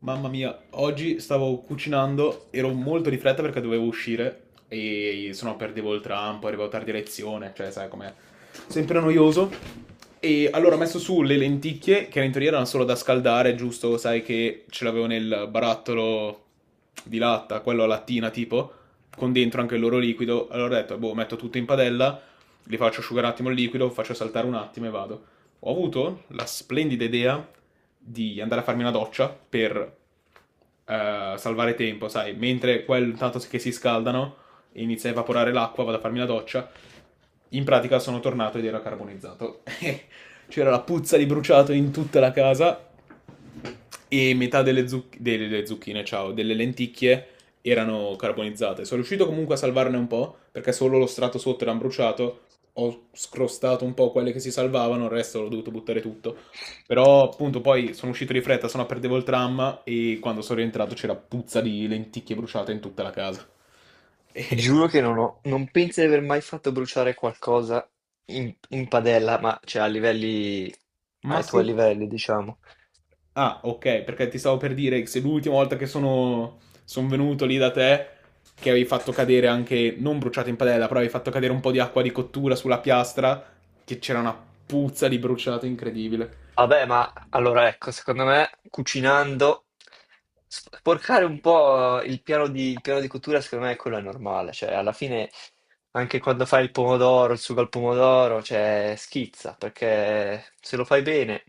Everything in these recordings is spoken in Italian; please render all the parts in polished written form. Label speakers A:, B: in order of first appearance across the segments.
A: Mamma mia, oggi stavo cucinando, ero molto di fretta perché dovevo uscire e se no perdevo il tram, poi arrivavo tardi a lezione, cioè sai com'è, sempre noioso. E allora ho messo su le lenticchie, che in teoria erano solo da scaldare, giusto, sai che ce l'avevo nel barattolo di latta, quello a lattina tipo, con dentro anche il loro liquido. Allora ho detto, boh, metto tutto in padella, li faccio asciugare un attimo il liquido, faccio saltare un attimo e vado. Ho avuto la splendida idea di andare a farmi una doccia per salvare tempo, sai, mentre quel tanto che si scaldano e inizia a evaporare l'acqua, vado a farmi la doccia. In pratica sono tornato ed era carbonizzato. C'era la puzza di bruciato in tutta la casa e metà delle zucchine, ciao, delle lenticchie erano carbonizzate. Sono riuscito comunque a salvarne un po', perché solo lo strato sotto era bruciato, ho scrostato un po' quelle che si salvavano, il resto l'ho dovuto buttare tutto. Però appunto poi sono uscito di fretta, sennò perdevo il tram e quando sono rientrato c'era puzza di lenticchie bruciate in tutta la casa.
B: Ti Giuro che non penso di aver mai fatto bruciare qualcosa in padella, ma cioè a livelli,
A: Ma
B: ai tuoi
A: sì.
B: livelli, diciamo.
A: Ah, ok, perché ti stavo per dire che se l'ultima volta che son venuto lì da te, che avevi fatto cadere anche, non bruciato in padella, però avevi fatto cadere un po' di acqua di cottura sulla piastra, che c'era una puzza di bruciato incredibile.
B: Vabbè, ma allora ecco, secondo me cucinando, sporcare un po' il piano di cottura, secondo me quello è normale, cioè alla fine anche quando fai il pomodoro, il sugo al pomodoro, cioè schizza, perché se lo fai bene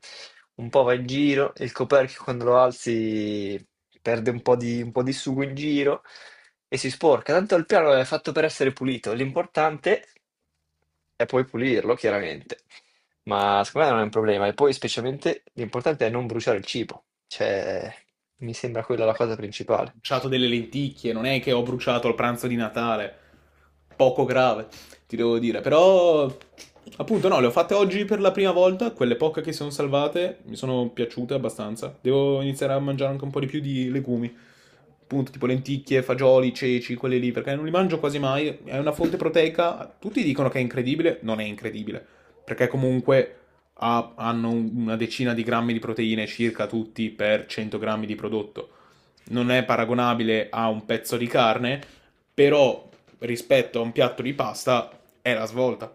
B: un po' va in giro e il coperchio quando lo alzi perde un po' di sugo in giro e si sporca, tanto il piano è fatto per essere pulito, l'importante è poi pulirlo, chiaramente. Ma secondo me non è un problema. E poi, specialmente, l'importante è non bruciare il cibo. Cioè, mi sembra quella la cosa
A: Ho
B: principale.
A: bruciato delle lenticchie, non è che ho bruciato il pranzo di Natale. Poco grave, ti devo dire. Però, appunto, no, le ho fatte oggi per la prima volta. Quelle poche che si sono salvate mi sono piaciute abbastanza. Devo iniziare a mangiare anche un po' di più di legumi. Appunto, tipo lenticchie, fagioli, ceci, quelli lì, perché non li mangio quasi mai. È una fonte proteica. Tutti dicono che è incredibile. Non è incredibile, perché comunque hanno una decina di grammi di proteine circa tutti per 100 grammi di prodotto, non è paragonabile a un pezzo di carne, però rispetto a un piatto di pasta è la svolta.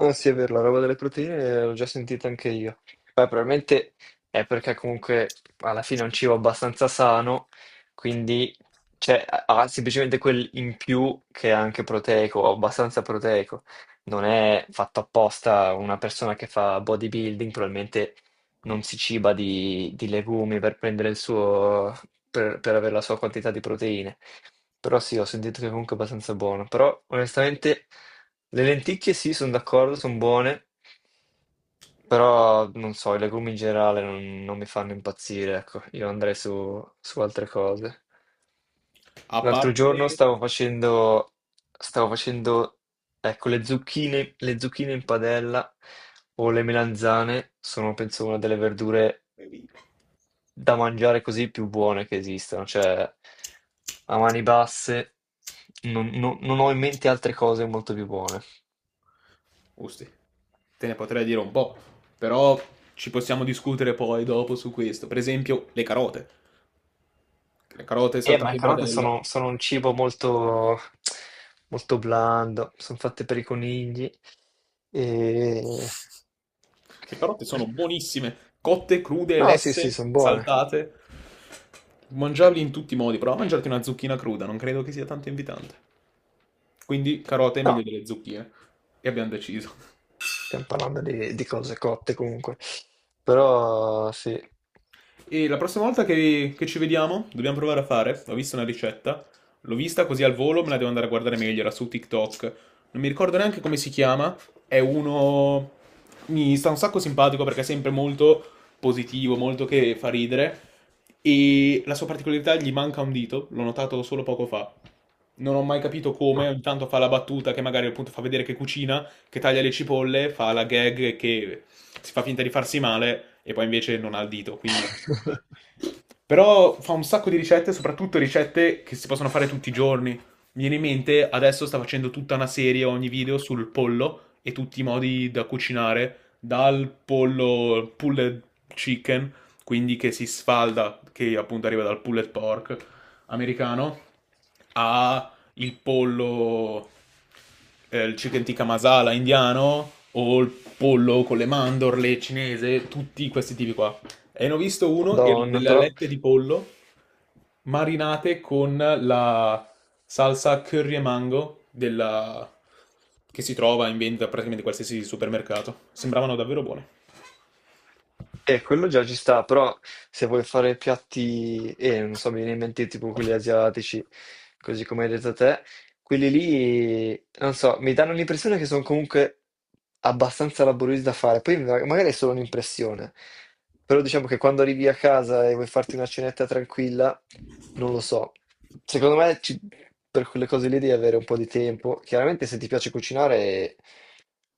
B: Non sì, è vero, la roba delle proteine l'ho già sentita anche io. Poi probabilmente è perché comunque alla fine è un cibo abbastanza sano, quindi cioè, ha semplicemente quel in più che è anche proteico, o abbastanza proteico. Non è fatto apposta una persona che fa bodybuilding, probabilmente non si ciba di legumi per prendere il suo, per avere la sua quantità di proteine. Però sì, ho sentito che comunque è abbastanza buono. Però onestamente le lenticchie sì, sono d'accordo, sono buone, però non so, i legumi in generale non mi fanno impazzire, ecco, io andrei su altre cose.
A: A
B: L'altro giorno
A: parte...
B: stavo facendo, ecco, le zucchine in padella o le melanzane sono, penso, una delle verdure da mangiare così più buone che esistano, cioè a mani basse non ho in mente altre cose molto più buone.
A: Usti, te ne potrei dire un po', però ci possiamo discutere poi dopo su questo. Per esempio, le carote. Le carote
B: Ma le
A: saltate in
B: carote
A: padella.
B: sono un cibo molto blando, sono fatte per i conigli. E...
A: Le carote sono buonissime, cotte, crude,
B: No, sì, sì,
A: lesse,
B: sono buone.
A: saltate. Mangiarli in tutti i modi, prova a mangiarti una zucchina cruda, non credo che sia tanto invitante. Quindi carote è meglio
B: No,
A: delle zucchine. E abbiamo deciso.
B: stiamo parlando di cose cotte comunque. Però sì.
A: E la prossima volta che ci vediamo, dobbiamo provare a fare. Ho visto una ricetta. L'ho vista così al volo, me la devo andare a guardare meglio. Era su TikTok. Non mi ricordo neanche come si chiama. È uno. Mi sta un sacco simpatico perché è sempre molto positivo, molto che fa ridere. E la sua particolarità, gli manca un dito. L'ho notato solo poco fa. Non ho mai capito come. Ogni tanto fa la battuta che magari appunto fa vedere che cucina, che taglia le cipolle, fa la gag che si fa finta di farsi male e poi invece non ha il dito. Quindi però fa un sacco di ricette, soprattutto ricette che si possono fare tutti i giorni. Mi viene in mente, adesso sta facendo tutta una serie, ogni video sul pollo e tutti i modi da cucinare, dal pollo pulled chicken, quindi che si sfalda, che appunto arriva dal pulled pork americano, a il pollo, il chicken tikka masala indiano o il pollo con le mandorle cinese, tutti questi tipi qua. E ne ho visto uno, erano
B: Madonna,
A: delle
B: però
A: alette di pollo marinate con la salsa curry e mango che si trova in vendita praticamente in qualsiasi supermercato. Sembravano davvero buone.
B: eh, quello già ci sta, però se vuoi fare piatti, non so, mi viene in mente tipo quelli asiatici, così come hai detto te, quelli lì, non so, mi danno l'impressione che sono comunque abbastanza laboriosi da fare, poi magari è solo un'impressione, però diciamo che quando arrivi a casa e vuoi farti una cenetta tranquilla, non lo so, secondo me ci- per quelle cose lì devi avere un po' di tempo, chiaramente se ti piace cucinare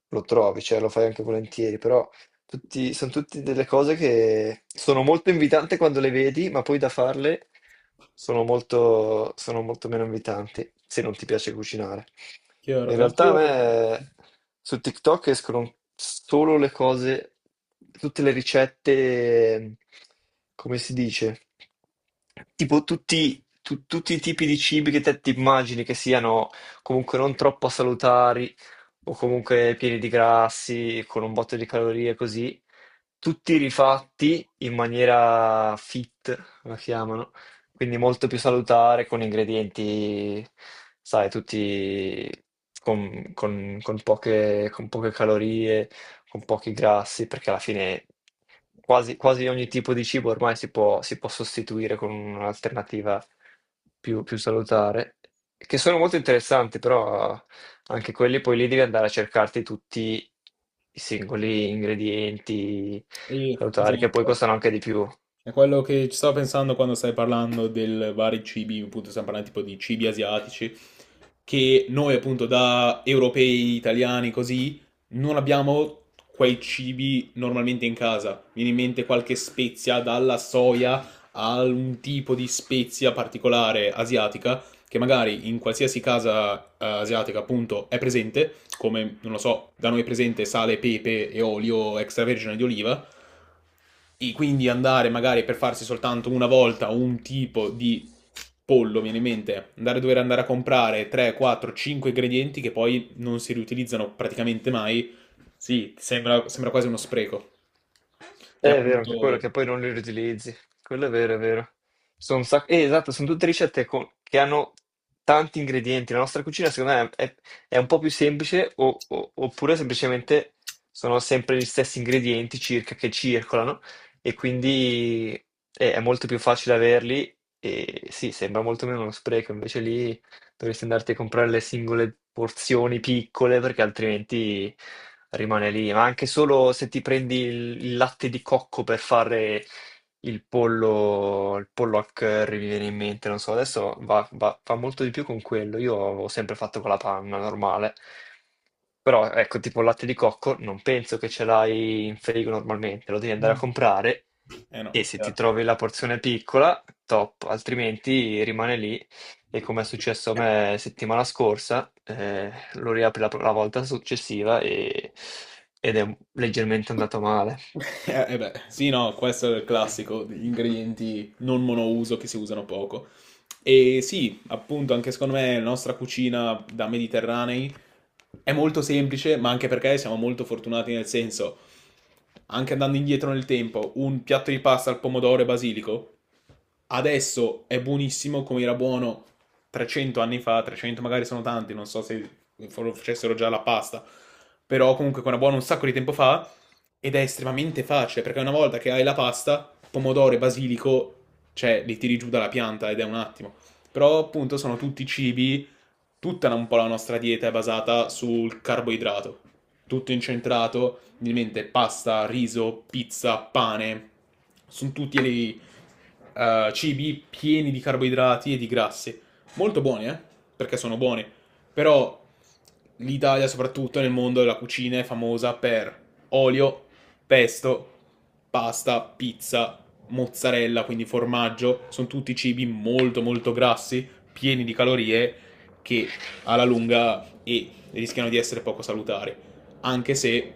B: lo trovi, cioè lo fai anche volentieri, però sono tutte delle cose che sono molto invitanti quando le vedi, ma poi da farle sono molto meno invitanti, se non ti piace cucinare.
A: Chiaro,
B: In realtà a
A: anch'io...
B: me su TikTok escono solo le cose, tutte le ricette, come si dice, tutti i tipi di cibi che te ti immagini che siano comunque non troppo salutari o comunque pieni di grassi, con un botto di calorie così, tutti rifatti in maniera fit, la chiamano, quindi molto più salutare, con ingredienti, sai, tutti con poche calorie, con pochi grassi, perché alla fine quasi ogni tipo di cibo ormai si può sostituire con un'alternativa più salutare, che sono molto interessanti, però anche quelli poi lì devi andare a cercarti tutti i singoli ingredienti salutari, che poi
A: esatto.
B: costano anche di più.
A: È quello che ci stavo pensando quando stai parlando del vari cibi, appunto stiamo parlando tipo di cibi asiatici, che noi appunto da europei, italiani, così, non abbiamo quei cibi normalmente in casa. Mi viene in mente qualche spezia, dalla soia a un tipo di spezia particolare asiatica, che magari in qualsiasi casa asiatica appunto è presente, come, non lo so, da noi è presente sale, pepe e olio extravergine di oliva, e quindi andare magari per farsi soltanto una volta un tipo di pollo, viene in mente, andare a dover andare a comprare 3, 4, 5 ingredienti che poi non si riutilizzano praticamente mai, sì, sembra, sembra quasi uno spreco. E
B: È vero, anche quello
A: appunto...
B: che poi non li riutilizzi. Quello è vero, è vero. Sono un sacco... esatto, sono tutte che hanno tanti ingredienti. La nostra cucina, secondo me, è un po' più semplice, oppure semplicemente sono sempre gli stessi ingredienti circa che circolano, e quindi è molto più facile averli. E sì, sembra molto meno uno spreco, invece lì. Dovresti andarti a comprare le singole porzioni piccole perché altrimenti rimane lì. Ma anche solo se ti prendi il latte di cocco per fare il pollo al curry, mi viene in mente, non so, adesso fa molto di più con quello. Io ho sempre fatto con la panna normale. Però ecco, tipo il latte di cocco, non penso che ce l'hai in frigo normalmente, lo devi andare a comprare
A: Eh no,
B: e se ti
A: chiaro.
B: trovi la porzione piccola, top, altrimenti rimane lì e come è successo a me settimana scorsa, lo riapri la volta successiva ed è leggermente andato male.
A: Eh beh, sì, no, questo è il classico degli ingredienti non monouso che si usano poco. E sì, appunto, anche secondo me la nostra cucina da mediterranei è molto semplice, ma anche perché siamo molto fortunati nel senso, anche andando indietro nel tempo, un piatto di pasta al pomodoro e basilico adesso è buonissimo come era buono 300 anni fa, 300 magari sono tanti, non so se lo facessero già la pasta, però comunque era buono un sacco di tempo fa ed è estremamente facile perché una volta che hai la pasta, pomodoro e basilico, cioè li tiri giù dalla pianta ed è un attimo. Però appunto sono tutti cibi, tutta un po' la nostra dieta è basata sul carboidrato, tutto incentrato, ovviamente pasta, riso, pizza, pane, sono tutti cibi pieni di carboidrati e di grassi. Molto buoni, eh? Perché sono buoni. Però l'Italia, soprattutto nel mondo della cucina, è famosa per olio, pesto, pasta, pizza, mozzarella, quindi formaggio. Sono tutti cibi molto molto grassi, pieni di calorie, che alla lunga e rischiano di essere poco salutari anche se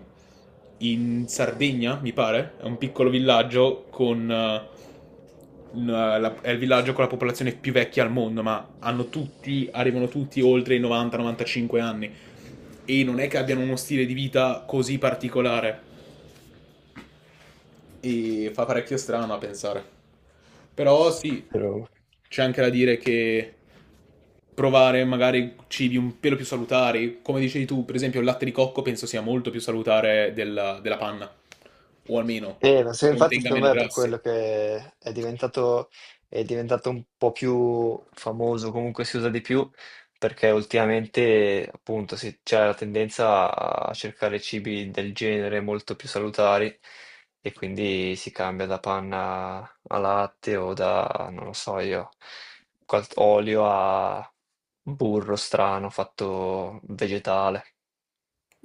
A: in Sardegna, mi pare, è un piccolo villaggio è il villaggio con la popolazione più vecchia al mondo, ma hanno tutti, arrivano tutti oltre i 90-95 anni e non è che abbiano uno stile di vita così particolare e fa parecchio strano a pensare. Però sì,
B: Però
A: c'è anche da dire che provare magari cibi un pelo più salutari. Come dicevi tu, per esempio, il latte di cocco penso sia molto più salutare della, della panna, o almeno
B: eh, infatti
A: contenga
B: secondo
A: meno
B: me è per quello
A: grassi.
B: è diventato un po' più famoso, comunque si usa di più, perché ultimamente appunto c'è la tendenza a cercare cibi del genere molto più salutari e quindi si cambia da panna a latte o da, non lo so io, olio a burro strano fatto vegetale.